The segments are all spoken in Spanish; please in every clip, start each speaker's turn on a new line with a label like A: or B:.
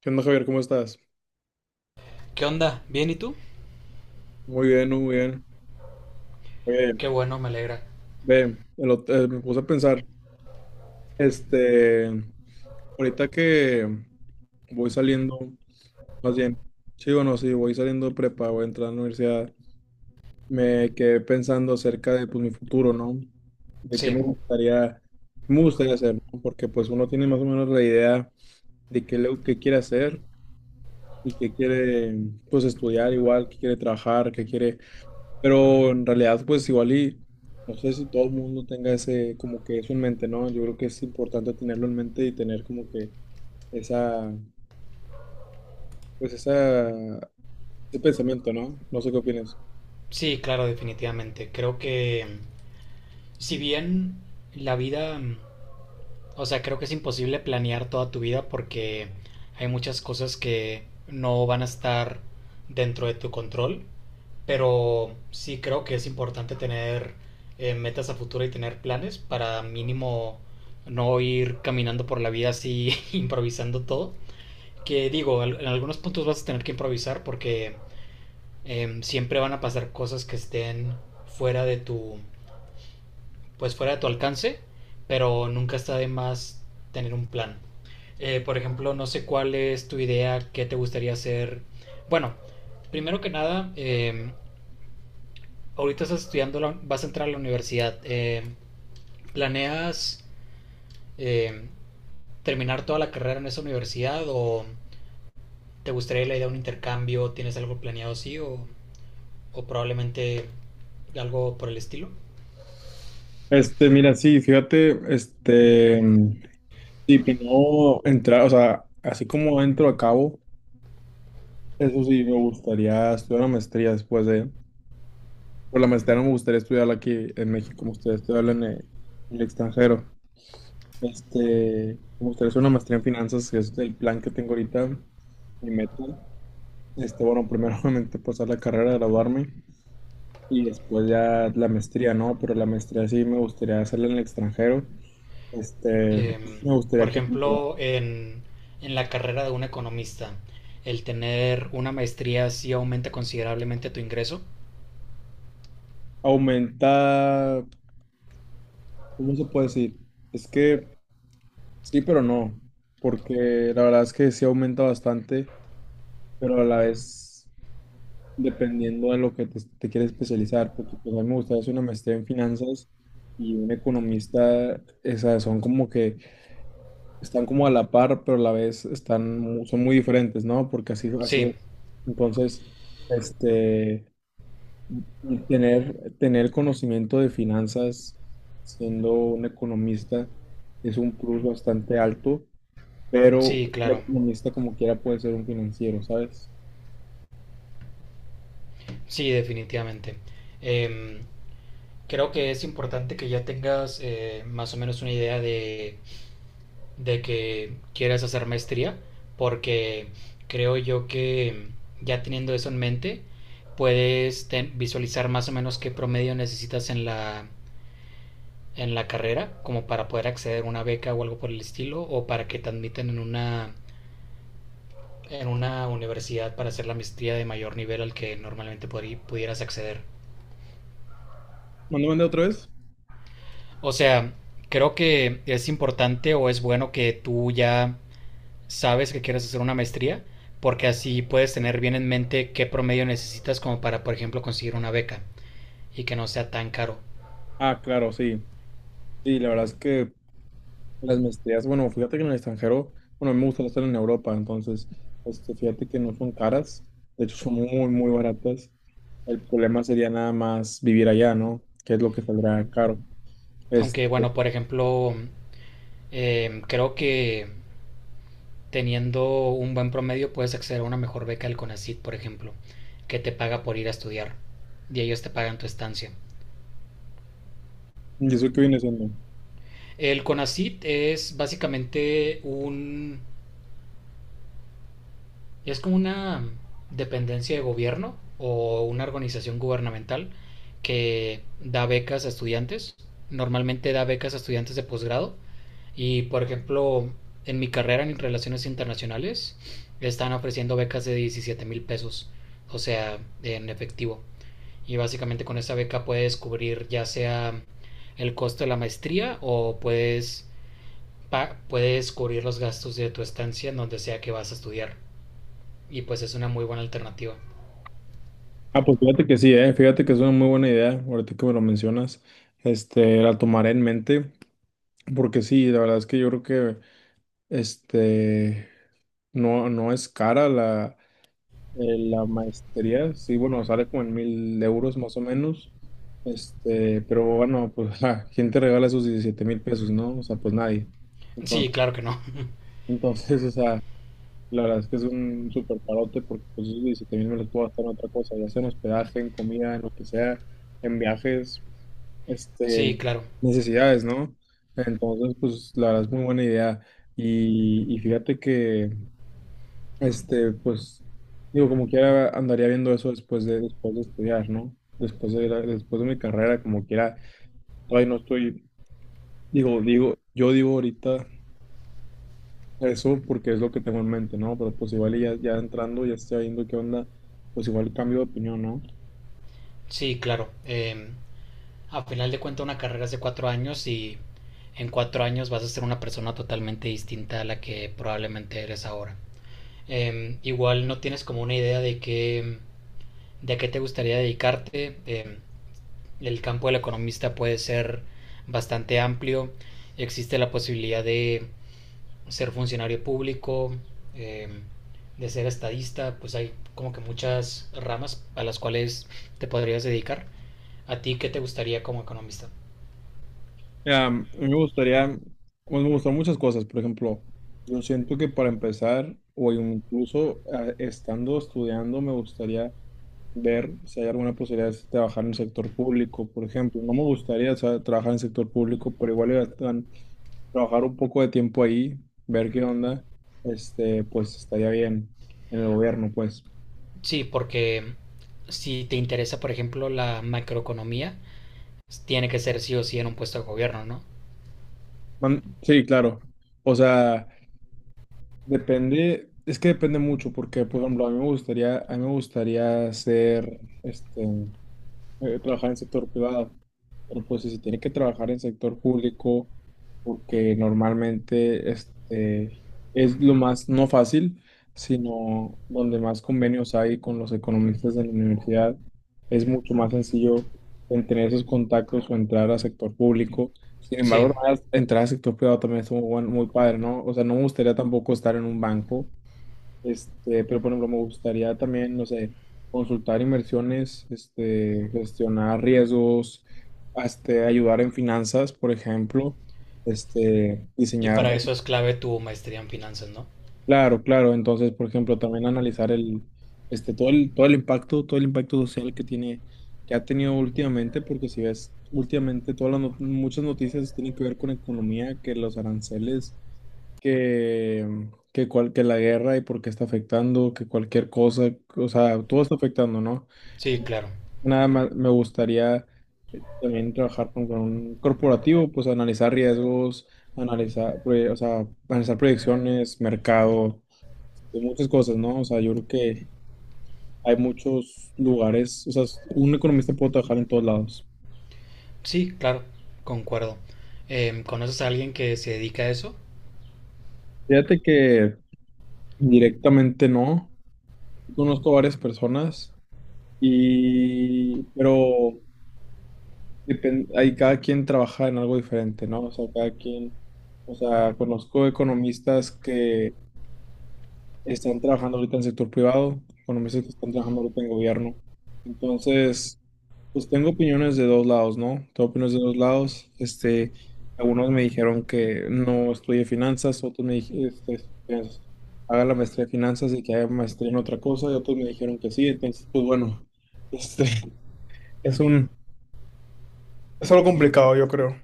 A: ¿Qué onda, Javier? ¿Cómo estás?
B: ¿Qué onda? ¿Bien y tú?
A: Muy bien, muy bien. Oye,
B: Qué bueno, me alegra.
A: ve, me puse a pensar, este, ahorita que voy saliendo, más bien, sí, bueno, sí, voy saliendo de prepa, voy a entrar a la universidad, me quedé pensando acerca de, pues, mi futuro, ¿no? De
B: Sí,
A: qué me gustaría hacer, ¿no? Porque, pues, uno tiene más o menos la idea de qué, qué quiere hacer y qué quiere, pues, estudiar igual, qué quiere trabajar, qué quiere. Pero en realidad, pues igual y no sé si todo el mundo tenga ese, como que eso en mente, ¿no? Yo creo que es importante tenerlo en mente y tener como que esa, ese pensamiento, ¿no? No sé qué opinas.
B: sí, claro, definitivamente. Creo que si bien la vida, o sea, creo que es imposible planear toda tu vida porque hay muchas cosas que no van a estar dentro de tu control, pero sí creo que es importante tener metas a futuro y tener planes para mínimo no ir caminando por la vida así improvisando todo. Que digo, en algunos puntos vas a tener que improvisar porque siempre van a pasar cosas que estén fuera de tu, pues fuera de tu alcance, pero nunca está de más tener un plan. Por ejemplo, no sé cuál es tu idea, qué te gustaría hacer. Bueno, primero que nada, ahorita estás estudiando, vas a entrar a la universidad. ¿Planeas eh, terminar toda la carrera en esa universidad o te gustaría la idea de un intercambio? ¿Tienes algo planeado así o probablemente algo por el estilo?
A: Mira, sí, fíjate, si no entrar, o sea, así como entro a cabo, eso sí, me gustaría estudiar una maestría después de, por la maestría no me gustaría estudiarla aquí en México, me gustaría estudiarla en el extranjero. Me gustaría hacer una maestría en finanzas, que es el plan que tengo ahorita, mi meta. Bueno, primero obviamente pasar la carrera, graduarme y después ya la maestría, ¿no? Pero la maestría sí me gustaría hacerla en el extranjero.
B: Em,
A: Me
B: por
A: gustaría que
B: ejemplo, en la carrera de un economista, el tener una maestría sí aumenta considerablemente tu ingreso.
A: aumenta, ¿cómo se puede decir? Es que sí, pero no, porque la verdad es que sí aumenta bastante, pero a la vez dependiendo de lo que te quieres especializar, porque pues, a mí me gustaría hacer una maestría en finanzas y un economista, esas son como que están como a la par, pero a la vez están, son muy diferentes, ¿no? Porque así, así,
B: Sí,
A: entonces, este, y tener conocimiento de finanzas siendo un economista es un plus bastante alto, pero
B: sí,
A: un
B: claro.
A: economista como quiera puede ser un financiero, ¿sabes?
B: Sí, definitivamente. Em, Creo que es importante que ya tengas más o menos una idea de que quieres hacer maestría, porque creo yo que ya teniendo eso en mente, puedes visualizar más o menos qué promedio necesitas en la carrera como para poder acceder a una beca o algo por el estilo o para que te admitan en una universidad para hacer la maestría de mayor nivel al que normalmente pudieras acceder.
A: ¿Mandó mandé otra vez?
B: O sea, creo que es importante o es bueno que tú ya sabes que quieres hacer una maestría porque así puedes tener bien en mente qué promedio necesitas como para, por ejemplo, conseguir una beca y que no sea tan caro.
A: Ah, claro, sí. Sí, la verdad es que. Las maestrías, bueno, fíjate que en el extranjero, bueno, a mí me gusta estar en Europa, entonces, fíjate que no son caras, de hecho son muy, muy baratas. El problema sería nada más vivir allá, ¿no? ¿Que es lo que saldrá caro? Es.
B: Aunque, bueno, por ejemplo, creo que teniendo un buen promedio puedes acceder a una mejor beca del CONACYT, por ejemplo, que te paga por ir a estudiar y ellos te pagan tu estancia.
A: ¿Y eso qué viene siendo?
B: El CONACYT es básicamente un, es como una dependencia de gobierno o una organización gubernamental que da becas a estudiantes. Normalmente da becas a estudiantes de posgrado. Y por ejemplo, en mi carrera en relaciones internacionales, están ofreciendo becas de 17,000 pesos, o sea, en efectivo. Y básicamente con esa beca puedes cubrir ya sea el costo de la maestría o puedes, puedes cubrir los gastos de tu estancia en donde sea que vas a estudiar. Y pues es una muy buena alternativa.
A: Ah, pues fíjate que sí, ¿eh? Fíjate que es una muy buena idea, ahorita que me lo mencionas, la tomaré en mente, porque sí, la verdad es que yo creo que, este, no, no es cara la maestría, sí, bueno, sale como en 1000 euros más o menos. Pero bueno, pues, ja, ¿quién te regala esos 17,000 pesos, no? O sea, pues nadie.
B: Sí,
A: Entonces,
B: claro que no.
A: entonces, o sea, la verdad es que es un súper parote porque pues esos 17,000 me los puedo gastar en otra cosa, ya sea en hospedaje, en comida, en lo que sea, en viajes,
B: Sí,
A: este,
B: claro.
A: necesidades, ¿no? Entonces, pues la verdad es muy buena idea. Y fíjate que pues, digo, como quiera, andaría viendo eso después de estudiar, ¿no? Después de, después de mi carrera, como quiera, todavía no estoy, yo digo ahorita eso porque es lo que tengo en mente, ¿no? Pero pues igual y ya entrando, ya estoy viendo qué onda, pues igual cambio de opinión, ¿no?
B: Sí, claro. A final de cuentas una carrera es de 4 años y en 4 años vas a ser una persona totalmente distinta a la que probablemente eres ahora. Igual no tienes como una idea de qué, de a qué te gustaría dedicarte. El campo del economista puede ser bastante amplio. Existe la posibilidad de ser funcionario público, eh, de ser estadista, pues hay como que muchas ramas a las cuales te podrías dedicar. ¿A ti qué te gustaría como economista?
A: Mira, a mí me gustaría, pues me gustan muchas cosas, por ejemplo, yo siento que para empezar, o incluso estando estudiando, me gustaría ver si hay alguna posibilidad de trabajar en el sector público, por ejemplo. No me gustaría, o sea, trabajar en el sector público, pero igual iba a trabajar un poco de tiempo ahí, ver qué onda, pues estaría bien en el gobierno, pues.
B: Sí, porque si te interesa, por ejemplo, la macroeconomía, tiene que ser sí o sí en un puesto de gobierno, ¿no?
A: Sí, claro. O sea, depende, es que depende mucho, porque, por ejemplo, a mí me gustaría ser, trabajar en sector privado. Pero pues si se tiene que trabajar en sector público, porque normalmente es lo más no fácil, sino donde más convenios hay con los economistas de la universidad, es mucho más sencillo en tener esos contactos o entrar al sector público. Sin
B: Sí,
A: embargo, entrar al sector privado también es muy padre, ¿no? O sea, no me gustaría tampoco estar en un banco, pero por ejemplo, me gustaría también, no sé, consultar inversiones, gestionar riesgos, ayudar en finanzas, por ejemplo,
B: y
A: diseñar,
B: para eso es clave tu maestría en finanzas, ¿no?
A: claro, claro, entonces, por ejemplo, también analizar el, este, todo el impacto todo el impacto social que tiene, que ha tenido últimamente, porque si ves, últimamente todas las, no- muchas noticias tienen que ver con economía, que los aranceles que, que la guerra y por qué está afectando, que cualquier cosa, o sea, todo está afectando, ¿no?
B: Sí, claro.
A: Nada más me gustaría también trabajar con un corporativo, pues analizar riesgos, analizar proyecciones, mercado, y muchas cosas, ¿no? O sea, yo creo que hay muchos lugares, o sea, un economista puede trabajar en todos lados.
B: Sí, claro, concuerdo. ¿Conoces a alguien que se dedica a eso?
A: Fíjate que directamente no, conozco varias personas. Y, pero hay cada quien trabaja en algo diferente, ¿no? O sea, cada quien, o sea, conozco economistas que están trabajando ahorita en sector privado, economistas que están trabajando ahorita en gobierno. Entonces, pues tengo opiniones de dos lados, ¿no? Tengo opiniones de dos lados. Algunos me dijeron que no estudie finanzas, otros me dijeron, haga la maestría de finanzas y que haga maestría en otra cosa, y otros me dijeron que sí. Entonces, pues bueno, este, es algo complicado, yo creo.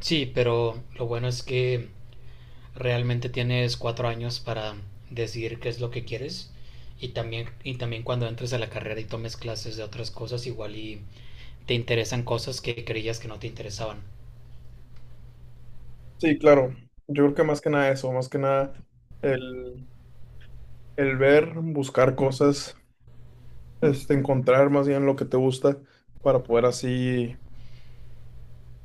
B: Sí, pero lo bueno es que realmente tienes 4 años para decidir qué es lo que quieres y también cuando entres a la carrera y tomes clases de otras cosas igual y te interesan cosas que creías que no te interesaban.
A: Sí, claro. Yo creo que más que nada eso, más que nada el, el ver, buscar cosas, encontrar más bien lo que te gusta para poder así,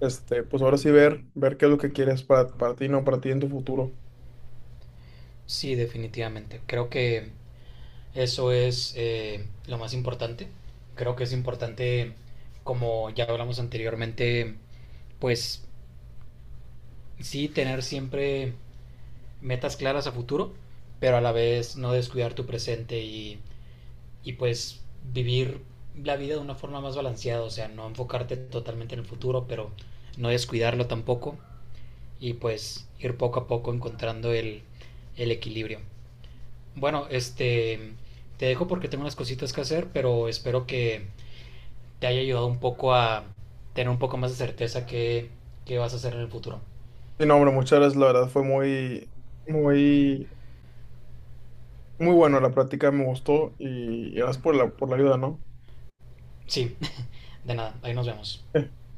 A: pues ahora sí ver, qué es lo que quieres para ti, no para ti en tu futuro.
B: Sí, definitivamente. Creo que eso es lo más importante. Creo que es importante, como ya hablamos anteriormente, pues sí tener siempre metas claras a futuro, pero a la vez no descuidar tu presente y pues vivir la vida de una forma más balanceada, o sea, no enfocarte totalmente en el futuro, pero no descuidarlo tampoco y pues ir poco a poco encontrando el equilibrio. Bueno, este, te dejo porque tengo unas cositas que hacer, pero espero que te haya ayudado un poco a tener un poco más de certeza qué qué vas a hacer en el futuro.
A: Y no, hombre, muchas gracias, la verdad fue muy, muy, muy bueno la práctica, me gustó y gracias por la ayuda, ¿no?
B: Sí, de nada, ahí nos vemos.